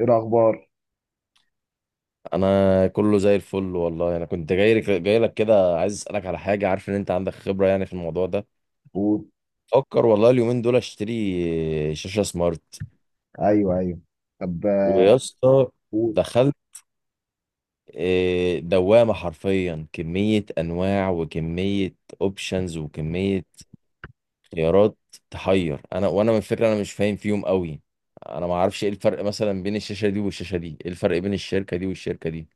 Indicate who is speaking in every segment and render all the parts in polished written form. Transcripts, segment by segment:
Speaker 1: ايه الاخبار؟
Speaker 2: انا كله زي الفل والله. انا كنت جاي لك كده، عايز اسالك على حاجه. عارف ان انت عندك خبره يعني في الموضوع ده.
Speaker 1: قول.
Speaker 2: فكر والله اليومين دول اشتري شاشه سمارت،
Speaker 1: ايوه، ايوه. طب.
Speaker 2: ويا اسطى
Speaker 1: قول.
Speaker 2: دخلت. إيه، دوامه حرفيا، كميه انواع وكميه اوبشنز وكميه خيارات، تحير. انا من فكره انا مش فاهم فيهم قوي. انا ما اعرفش ايه الفرق مثلا بين الشاشه دي والشاشه دي، ايه الفرق بين الشركه دي والشركه دي.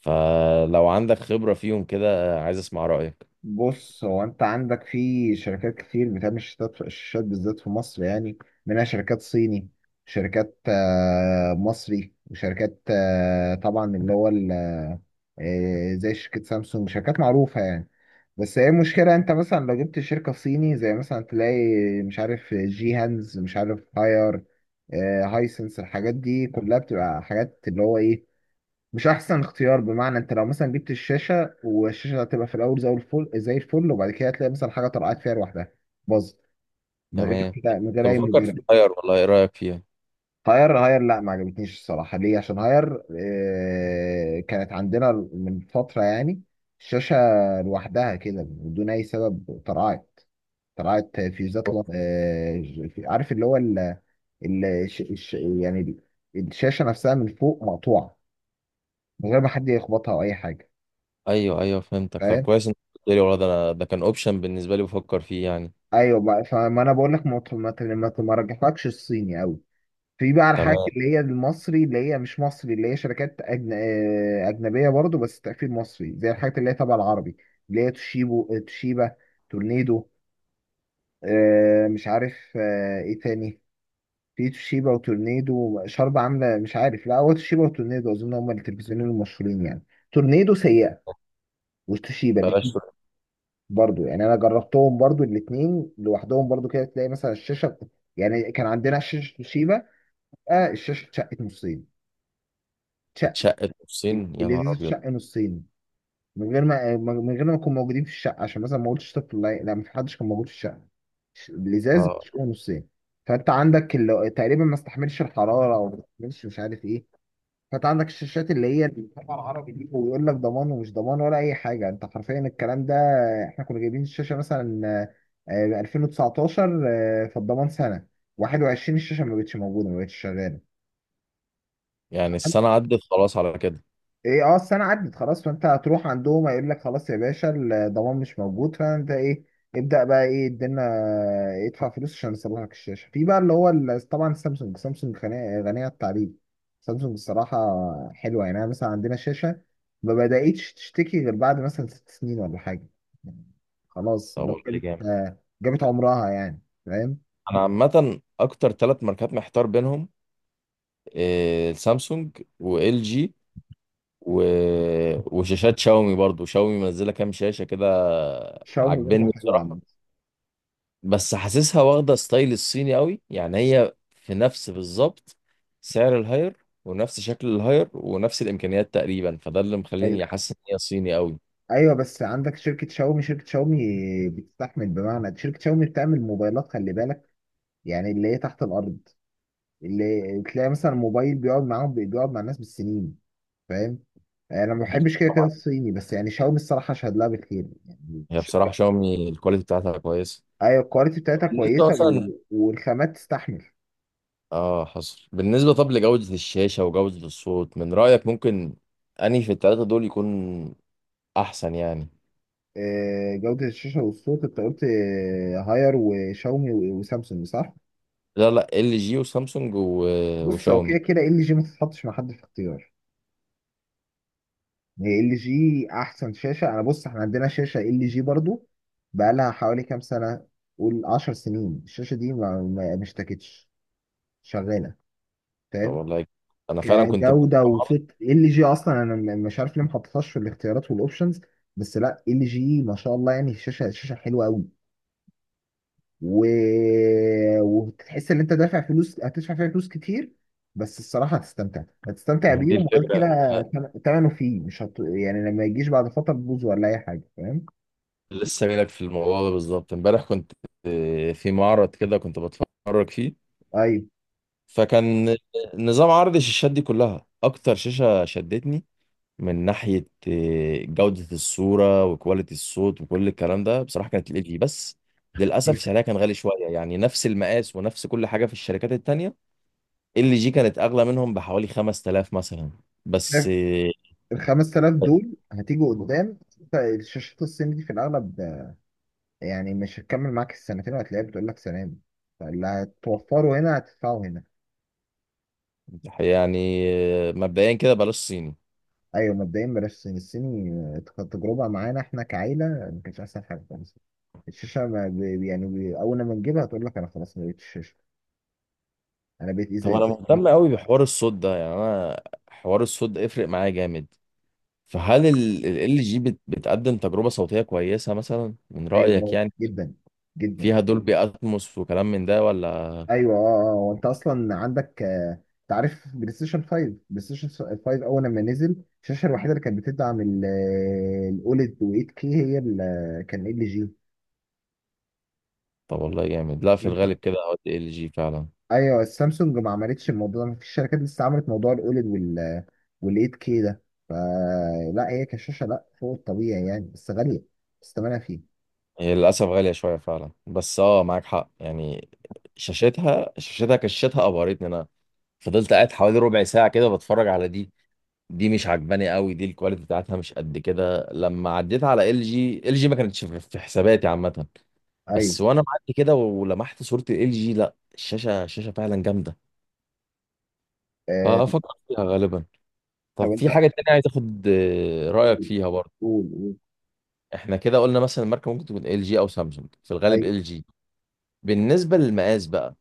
Speaker 2: فلو عندك خبره فيهم كده عايز اسمع رايك.
Speaker 1: بص، هو انت عندك في شركات كتير بتعمل شاشات، الشاشات بالذات في مصر يعني. منها شركات صيني، شركات مصري، وشركات طبعا اللي هو زي شركة سامسونج، شركات معروفة يعني. بس هي المشكلة، انت مثلا لو جبت شركة صيني زي مثلا تلاقي مش عارف جي هانز، مش عارف هاير، هايسنس، الحاجات دي كلها بتبقى حاجات اللي هو ايه، مش احسن اختيار. بمعنى انت لو مثلا جبت الشاشه، والشاشه هتبقى في الاول زي الفل زي الفل، وبعد كده هتلاقي مثلا حاجه طلعت فيها لوحدها، باظ من غير
Speaker 2: تمام.
Speaker 1: كده، من غير
Speaker 2: كنت
Speaker 1: اي
Speaker 2: بفكر في
Speaker 1: مبرر.
Speaker 2: الطير والله، ايه رأيك فيها؟
Speaker 1: هاير، لا ما عجبتنيش الصراحه. ليه؟ عشان هاير آه كانت عندنا من فتره يعني، الشاشه لوحدها كده بدون اي سبب طلعت، طلعت فيوزات عارف اللي هو يعني الشاشه نفسها من فوق مقطوعه من غير ما حد يخبطها او اي حاجه.
Speaker 2: ايوه ايوه فهمتك. طب
Speaker 1: فاهم؟
Speaker 2: كويس انت قلت لي والله، ده انا ده كان اوبشن بالنسبة لي بفكر فيه يعني.
Speaker 1: ايوه بقى. فما انا بقول لك ما رجحلكش الصيني قوي. في بقى الحاجات
Speaker 2: تمام.
Speaker 1: اللي هي المصري، اللي هي مش مصري، اللي هي شركات أجن... آه، اجنبيه برضو، بس تقفيل مصري، زي الحاجات اللي هي تبع العربي، اللي هي توشيبو آه، توشيبا، تورنيدو، مش عارف ايه تاني. في توشيبا وتورنيدو شرب عامله مش عارف، لا هو توشيبا وتورنيدو اظن هم التلفزيونين المشهورين يعني. تورنيدو سيئه وتوشيبا
Speaker 2: بلاش.
Speaker 1: برضو يعني، انا جربتهم برضو الاثنين لوحدهم برضو. كده تلاقي مثلا الشاشه، يعني كان عندنا شاشه توشيبا، آه الشاشه اتشقت نصين. اتشق
Speaker 2: اتشقت نصين يا
Speaker 1: اللذيذ
Speaker 2: نهار ابيض!
Speaker 1: اتشق نصين من غير ما نكون موجودين في الشقه، عشان مثلا ما قلتش طفل. لا، لا، ما في حدش كان موجود في الشقه. الازاز
Speaker 2: اه
Speaker 1: بتشقه نصين. فانت عندك اللي تقريبا ما استحملش الحراره او ما استحملش مش عارف ايه. فانت عندك الشاشات اللي هي الطبعة العربي دي، ويقول لك ضمان ومش ضمان ولا اي حاجه انت حرفيا. الكلام ده، احنا كنا جايبين الشاشه مثلا ب 2019، فالضمان سنه 21، الشاشه ما بقتش موجوده، ما بقتش شغاله.
Speaker 2: يعني السنة عدت خلاص على كده.
Speaker 1: ايه، اه، السنه عدت خلاص، فانت هتروح عندهم هيقول لك خلاص يا باشا، الضمان مش موجود. فانت ايه؟ ابدا بقى، ايه الدنيا، ادفع فلوس عشان يصلح لك الشاشه. في بقى اللي هو طبعا سامسونج، سامسونج غنيه، غنيه عن التعريف. سامسونج الصراحه حلوه يعني. انا مثلا عندنا شاشه ما بداتش تشتكي غير بعد مثلا ست سنين ولا حاجه، خلاص
Speaker 2: طب
Speaker 1: اللي هو
Speaker 2: والله
Speaker 1: جابت
Speaker 2: جامد.
Speaker 1: جابت عمرها يعني. فاهم؟
Speaker 2: انا عامة اكتر ثلاث ماركات محتار بينهم. إيه، سامسونج وال جي و... وشاشات شاومي برضو. شاومي منزلة كام شاشة كده.
Speaker 1: شاومي برضه
Speaker 2: عاجبني
Speaker 1: حلوه
Speaker 2: بصراحة.
Speaker 1: عامه.
Speaker 2: بس حاسسها واخدة ستايل الصيني قوي، يعني هي في نفس بالظبط سعر الهاير ونفس شكل الهاير ونفس الإمكانيات تقريبا، فده اللي مخليني حاسس إن هي صيني قوي.
Speaker 1: ايوه، بس عندك شركه شاومي، بتستحمل. بمعنى شركه شاومي بتعمل موبايلات، خلي بالك، يعني اللي هي تحت الارض، اللي تلاقي مثلا موبايل بيقعد معاهم، بيقعد مع الناس بالسنين. فاهم؟ انا ما بحبش كده كده الصيني، بس يعني شاومي الصراحه اشهد لها بالخير يعني
Speaker 2: هي بصراحة
Speaker 1: الشركه.
Speaker 2: شاومي الكواليتي بتاعتها كويسة.
Speaker 1: ايوه، الكواليتي بتاعتها
Speaker 2: بالنسبة
Speaker 1: كويسه،
Speaker 2: مثلا،
Speaker 1: والخامات تستحمل.
Speaker 2: اه حصل. بالنسبة طب لجودة الشاشة وجودة الصوت، من رأيك، ممكن أنهي في التلاتة دول يكون أحسن يعني؟
Speaker 1: جوده الشاشه والصوت، انت قلت هاير وشاومي وسامسونج، صح؟
Speaker 2: لا لا، ال جي وسامسونج و...
Speaker 1: بص، هو
Speaker 2: وشاومي.
Speaker 1: كده كده ال جي ما تتحطش مع حد في اختيار. هي ال جي احسن شاشه. انا بص، احنا عندنا شاشه ال جي برضو بقى لها حوالي كام سنه، قول 10 سنين، الشاشه دي ما اشتكتش، شغاله.
Speaker 2: طب
Speaker 1: فاهم؟
Speaker 2: والله. أنا فعلا كنت
Speaker 1: كجوده
Speaker 2: مرة.
Speaker 1: وصوت، ال جي اصلا انا مش عارف ليه ما حطيتهاش في الاختيارات والاوبشنز، بس لا، ال جي ما شاء الله يعني، الشاشه، الشاشه حلوه قوي، و... وتحس ان انت دافع فلوس، هتدفع فيها فلوس كتير بس الصراحه هتستمتع، هتستمتع
Speaker 2: ما هي دي
Speaker 1: بيهم. وغير
Speaker 2: الفكرة.
Speaker 1: كده تمنه فيه، مش هت... يعني لما يجيش بعد فتره تبوظ ولا اي حاجه. فاهم؟
Speaker 2: لسه جايلك في الموضوع ده بالظبط. امبارح كنت في معرض كده كنت بتفرج فيه.
Speaker 1: ايوه،
Speaker 2: فكان نظام عرض الشاشات دي كلها، اكتر شاشة شدتني من ناحية جودة الصورة وكواليتي الصوت وكل الكلام ده بصراحة كانت ال جي. بس للأسف سعرها كان غالي شوية، يعني نفس المقاس ونفس كل حاجة في الشركات التانية، ال جي كانت أغلى منهم بحوالي 5000 مثلا. بس
Speaker 1: شايف. ال 5000 دول هتيجوا قدام، انت الشاشات الصين دي في الاغلب يعني مش هتكمل معاك السنتين، وهتلاقيها بتقول لك سنه دي، فاللي هتوفره هنا هتدفعه هنا.
Speaker 2: يعني مبدئيا كده بلاش صيني.
Speaker 1: ايوه، مبدئيا بلاش الصين، الصيني. تجربه معانا احنا كعيله ما كانتش احسن حاجه خالص. الشاشه ما ب- يعني ب- اول ما نجيبها هتقول لك انا خلاص ما بقتش شاشه، انا بقيت
Speaker 2: طب انا
Speaker 1: ازاز.
Speaker 2: مهتم قوي بحوار الصوت ده، يعني انا حوار الصوت ده يفرق معايا جامد. فهل ال جي بتقدم تجربة صوتية كويسة مثلا من رأيك
Speaker 1: ايوه،
Speaker 2: يعني؟
Speaker 1: جدا، جدا.
Speaker 2: فيها دولبي اتموس وكلام من ده ولا؟
Speaker 1: ايوه، اه، اه. وانت اصلا عندك، انت عارف بلاي ستيشن 5، بلاي ستيشن 5 اول لما نزل، الشاشه الوحيده اللي كانت بتدعم الاوليد و 8 كي هي كان ال جي.
Speaker 2: طب والله جامد. لا في
Speaker 1: انت؟
Speaker 2: الغالب كده ال جي فعلا.
Speaker 1: ايوه، السامسونج ما عملتش الموضوع ده، مفيش شركات لسه عملت موضوع الاوليد وال آه، وال 8 كي ده. فلا، هي كشاشه لا، فوق الطبيعي يعني، بس غاليه، بس ثمنها فيه.
Speaker 2: هي للاسف غالية شوية فعلا، بس اه معاك حق يعني. شاشتها كشتها ابهرتني. انا فضلت قاعد حوالي ربع ساعة كده بتفرج على دي. دي مش عجباني قوي، دي الكواليتي بتاعتها مش قد كده. لما عديت على ال جي، ما كانتش في حساباتي عامة.
Speaker 1: ايوه.
Speaker 2: بس وانا معدي كده ولمحت صورة ال جي، لا الشاشة الشاشة فعلا جامدة.
Speaker 1: آه،
Speaker 2: ففكرت فيها غالبا. طب
Speaker 1: طب
Speaker 2: في
Speaker 1: انت،
Speaker 2: حاجة تانية عايز اخد رأيك
Speaker 1: قول،
Speaker 2: فيها برضه.
Speaker 1: قول، قول.
Speaker 2: احنا كده قلنا مثلا الماركة ممكن تكون ال جي او سامسونج، في الغالب
Speaker 1: ايوه،
Speaker 2: ال جي. بالنسبة للمقاس بقى،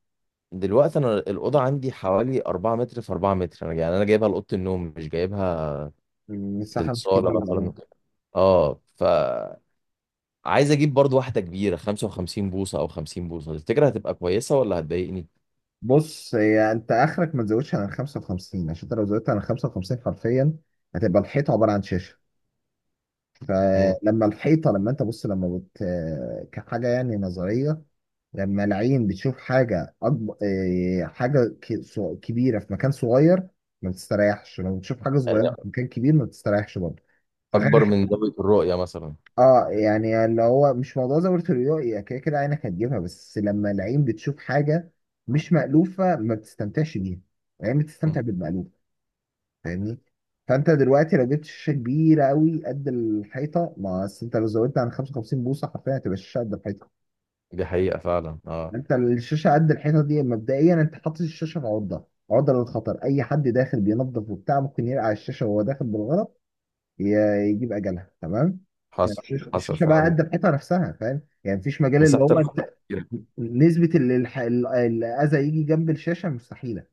Speaker 2: دلوقتي انا الأوضة عندي حوالي 4 متر في 4 متر. انا يعني انا جايبها لأوضة النوم، مش جايبها
Speaker 1: المساحه مش
Speaker 2: للصاله مثلا
Speaker 1: كبيره.
Speaker 2: وكده. اه فعايز اجيب برضو واحده كبيره، 55 بوصه او 50 بوصه، تفتكر هتبقى كويسه ولا هتضايقني؟
Speaker 1: بص، هي انت اخرك ما تزودش عن ال 55، عشان انت لو زودت عن ال 55 حرفيا هتبقى الحيطه عباره عن شاشه.
Speaker 2: مم.
Speaker 1: فلما الحيطه، لما انت بص، لما بت كحاجه يعني نظريه، لما العين بتشوف حاجه أكبر، حاجه كبيره في مكان صغير، ما بتستريحش. لما بتشوف حاجه
Speaker 2: يعني
Speaker 1: صغيره في مكان كبير، ما بتستريحش برضه.
Speaker 2: اكبر من زاويه الرؤيه مثلا.
Speaker 1: اه، يعني اللي هو مش موضوع زاوية الرؤية، هي كده كده عينك هتجيبها، بس لما العين بتشوف حاجة مش مألوفة ما بتستمتعش بيها. العين
Speaker 2: مم.
Speaker 1: بتستمتع بالمألوف. فاهمني؟ فانت دلوقتي لو جبت شاشة كبيرة قوي قد الحيطة، ما أصل انت لو زودت عن 55 بوصة حرفيا هتبقى الشاشة قد الحيطة.
Speaker 2: دي حقيقه فعلا اه.
Speaker 1: انت الشاشة قد الحيطة دي مبدئيا انت حاطط الشاشة في عرضة، عرضة للخطر. اي حد داخل بينظف وبتاع ممكن يرقع الشاشة وهو داخل بالغلط، يجيب اجلها. تمام،
Speaker 2: حصل.
Speaker 1: الشيشه،
Speaker 2: حصل
Speaker 1: الشيشة بقى
Speaker 2: فعلا.
Speaker 1: قد الحيطه نفسها. فاهم يعني؟ مفيش مجال اللي
Speaker 2: مساحه
Speaker 1: هو انت، نسبه الاذى يجي جنب الشاشه مستحيله.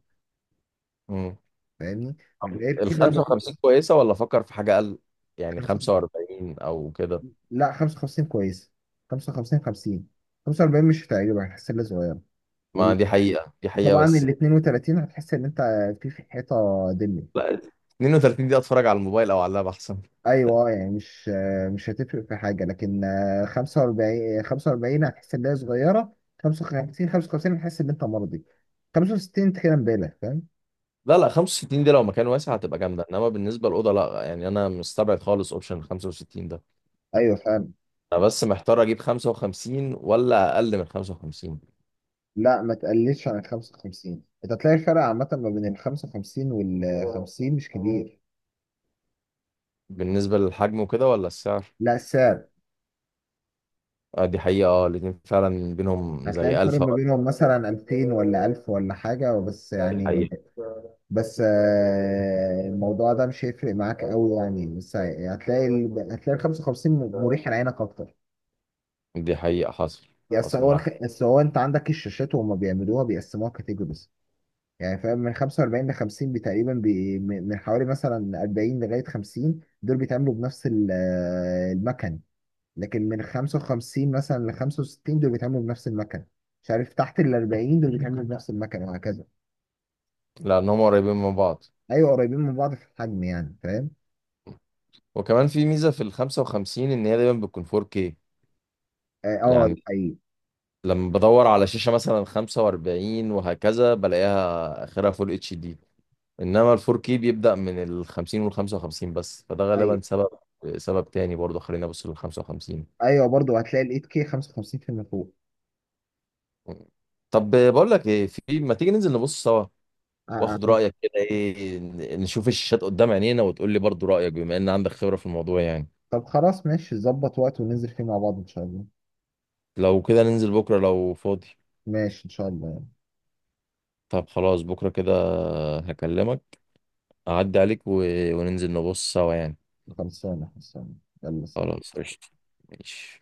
Speaker 2: مم.
Speaker 1: فاهمني؟ غير
Speaker 2: ال
Speaker 1: كده برضه.
Speaker 2: 55 كويسه ولا افكر في حاجه اقل، يعني
Speaker 1: خمسة،
Speaker 2: 45 او كده؟
Speaker 1: لا 55 كويسه. 55، 50، 45 مش هتعجبك، هتحس انها صغيره.
Speaker 2: ما
Speaker 1: وال-
Speaker 2: دي حقيقه دي حقيقه
Speaker 1: وطبعا
Speaker 2: بس.
Speaker 1: ال 32 هتحس ان انت في حيطه دم.
Speaker 2: لا. 32 دي اتفرج على الموبايل او على اللاب احسن.
Speaker 1: ايوه، يعني مش، مش هتفرق في حاجه، لكن 45، 45 هتحس ان هي صغيره. 55، 55 هتحس ان انت مرضي. 65 انت كده مبالغ. فاهم؟
Speaker 2: لا لا، 65 دي لو مكان واسع هتبقى جامده، انما بالنسبه للاوضه لا، يعني انا مستبعد خالص اوبشن 65 ده.
Speaker 1: ايوه، فاهم.
Speaker 2: انا بس محتار اجيب 55 ولا اقل من 55.
Speaker 1: لا، ما تقللش عن ال 55، انت هتلاقي الفرق عامه ما بين ال 55 وال 50 مش كبير.
Speaker 2: بالنسبه للحجم وكده ولا السعر؟
Speaker 1: لا، السعر
Speaker 2: آه دي حقيقه اه، الاتنين فعلا بينهم
Speaker 1: هتلاقي
Speaker 2: زي الف
Speaker 1: الفرق ما
Speaker 2: فرق.
Speaker 1: بينهم مثلا 2000 ولا 1000 ولا حاجه، بس
Speaker 2: دي
Speaker 1: يعني.
Speaker 2: حقيقه.
Speaker 1: بس الموضوع ده مش هيفرق معاك قوي يعني، بس هتلاقي ال... هتلاقي ال 55 مريح لعينك اكتر.
Speaker 2: دي حقيقه. حصل.
Speaker 1: بس
Speaker 2: حصل
Speaker 1: هو
Speaker 2: معاك.
Speaker 1: بس هو انت عندك الشاشات وهم بيعملوها بيقسموها كاتيجوريز، يعني فاهم؟ من 45 ل 50 من حوالي مثلا 40 لغايه 50 دول بيتعملوا بنفس المكن. لكن من 55 مثلا ل 65 دول بيتعملوا بنفس المكن. مش عارف، تحت ال 40 دول بيتعملوا بنفس المكن، وهكذا.
Speaker 2: لان هم قريبين من بعض.
Speaker 1: ايوه، قريبين من بعض في الحجم يعني. فاهم؟
Speaker 2: وكمان في ميزه في ال 55 ان هي دايما بتكون 4K.
Speaker 1: اه،
Speaker 2: يعني
Speaker 1: ايوه.
Speaker 2: لما بدور على شاشه مثلا 45 وهكذا بلاقيها اخرها فول اتش دي، انما الفور كي بيبدأ من ال 50 وال 55 بس. فده غالبا
Speaker 1: ايوه،
Speaker 2: سبب تاني برضه. خلينا ابص لل 55.
Speaker 1: ايوه، برضه هتلاقي ال 8K 55% فوق.
Speaker 2: طب بقول لك ايه، في ما تيجي ننزل نبص سوا
Speaker 1: آه،
Speaker 2: واخد
Speaker 1: آه.
Speaker 2: رأيك كده، ايه نشوف الشاشات قدام عينينا، وتقول لي برضه رأيك بما ان عندك خبرة في الموضوع يعني.
Speaker 1: طب خلاص، ماشي، ظبط وقت وننزل فيه مع بعض ان شاء الله.
Speaker 2: لو كده ننزل بكرة لو فاضي.
Speaker 1: ماشي ان شاء الله.
Speaker 2: طب خلاص بكرة كده، هكلمك، اعدي عليك و... وننزل نبص سوا يعني.
Speaker 1: خلصانة، خلصانة. يلا، سلام.
Speaker 2: خلاص قشطة. ماشي.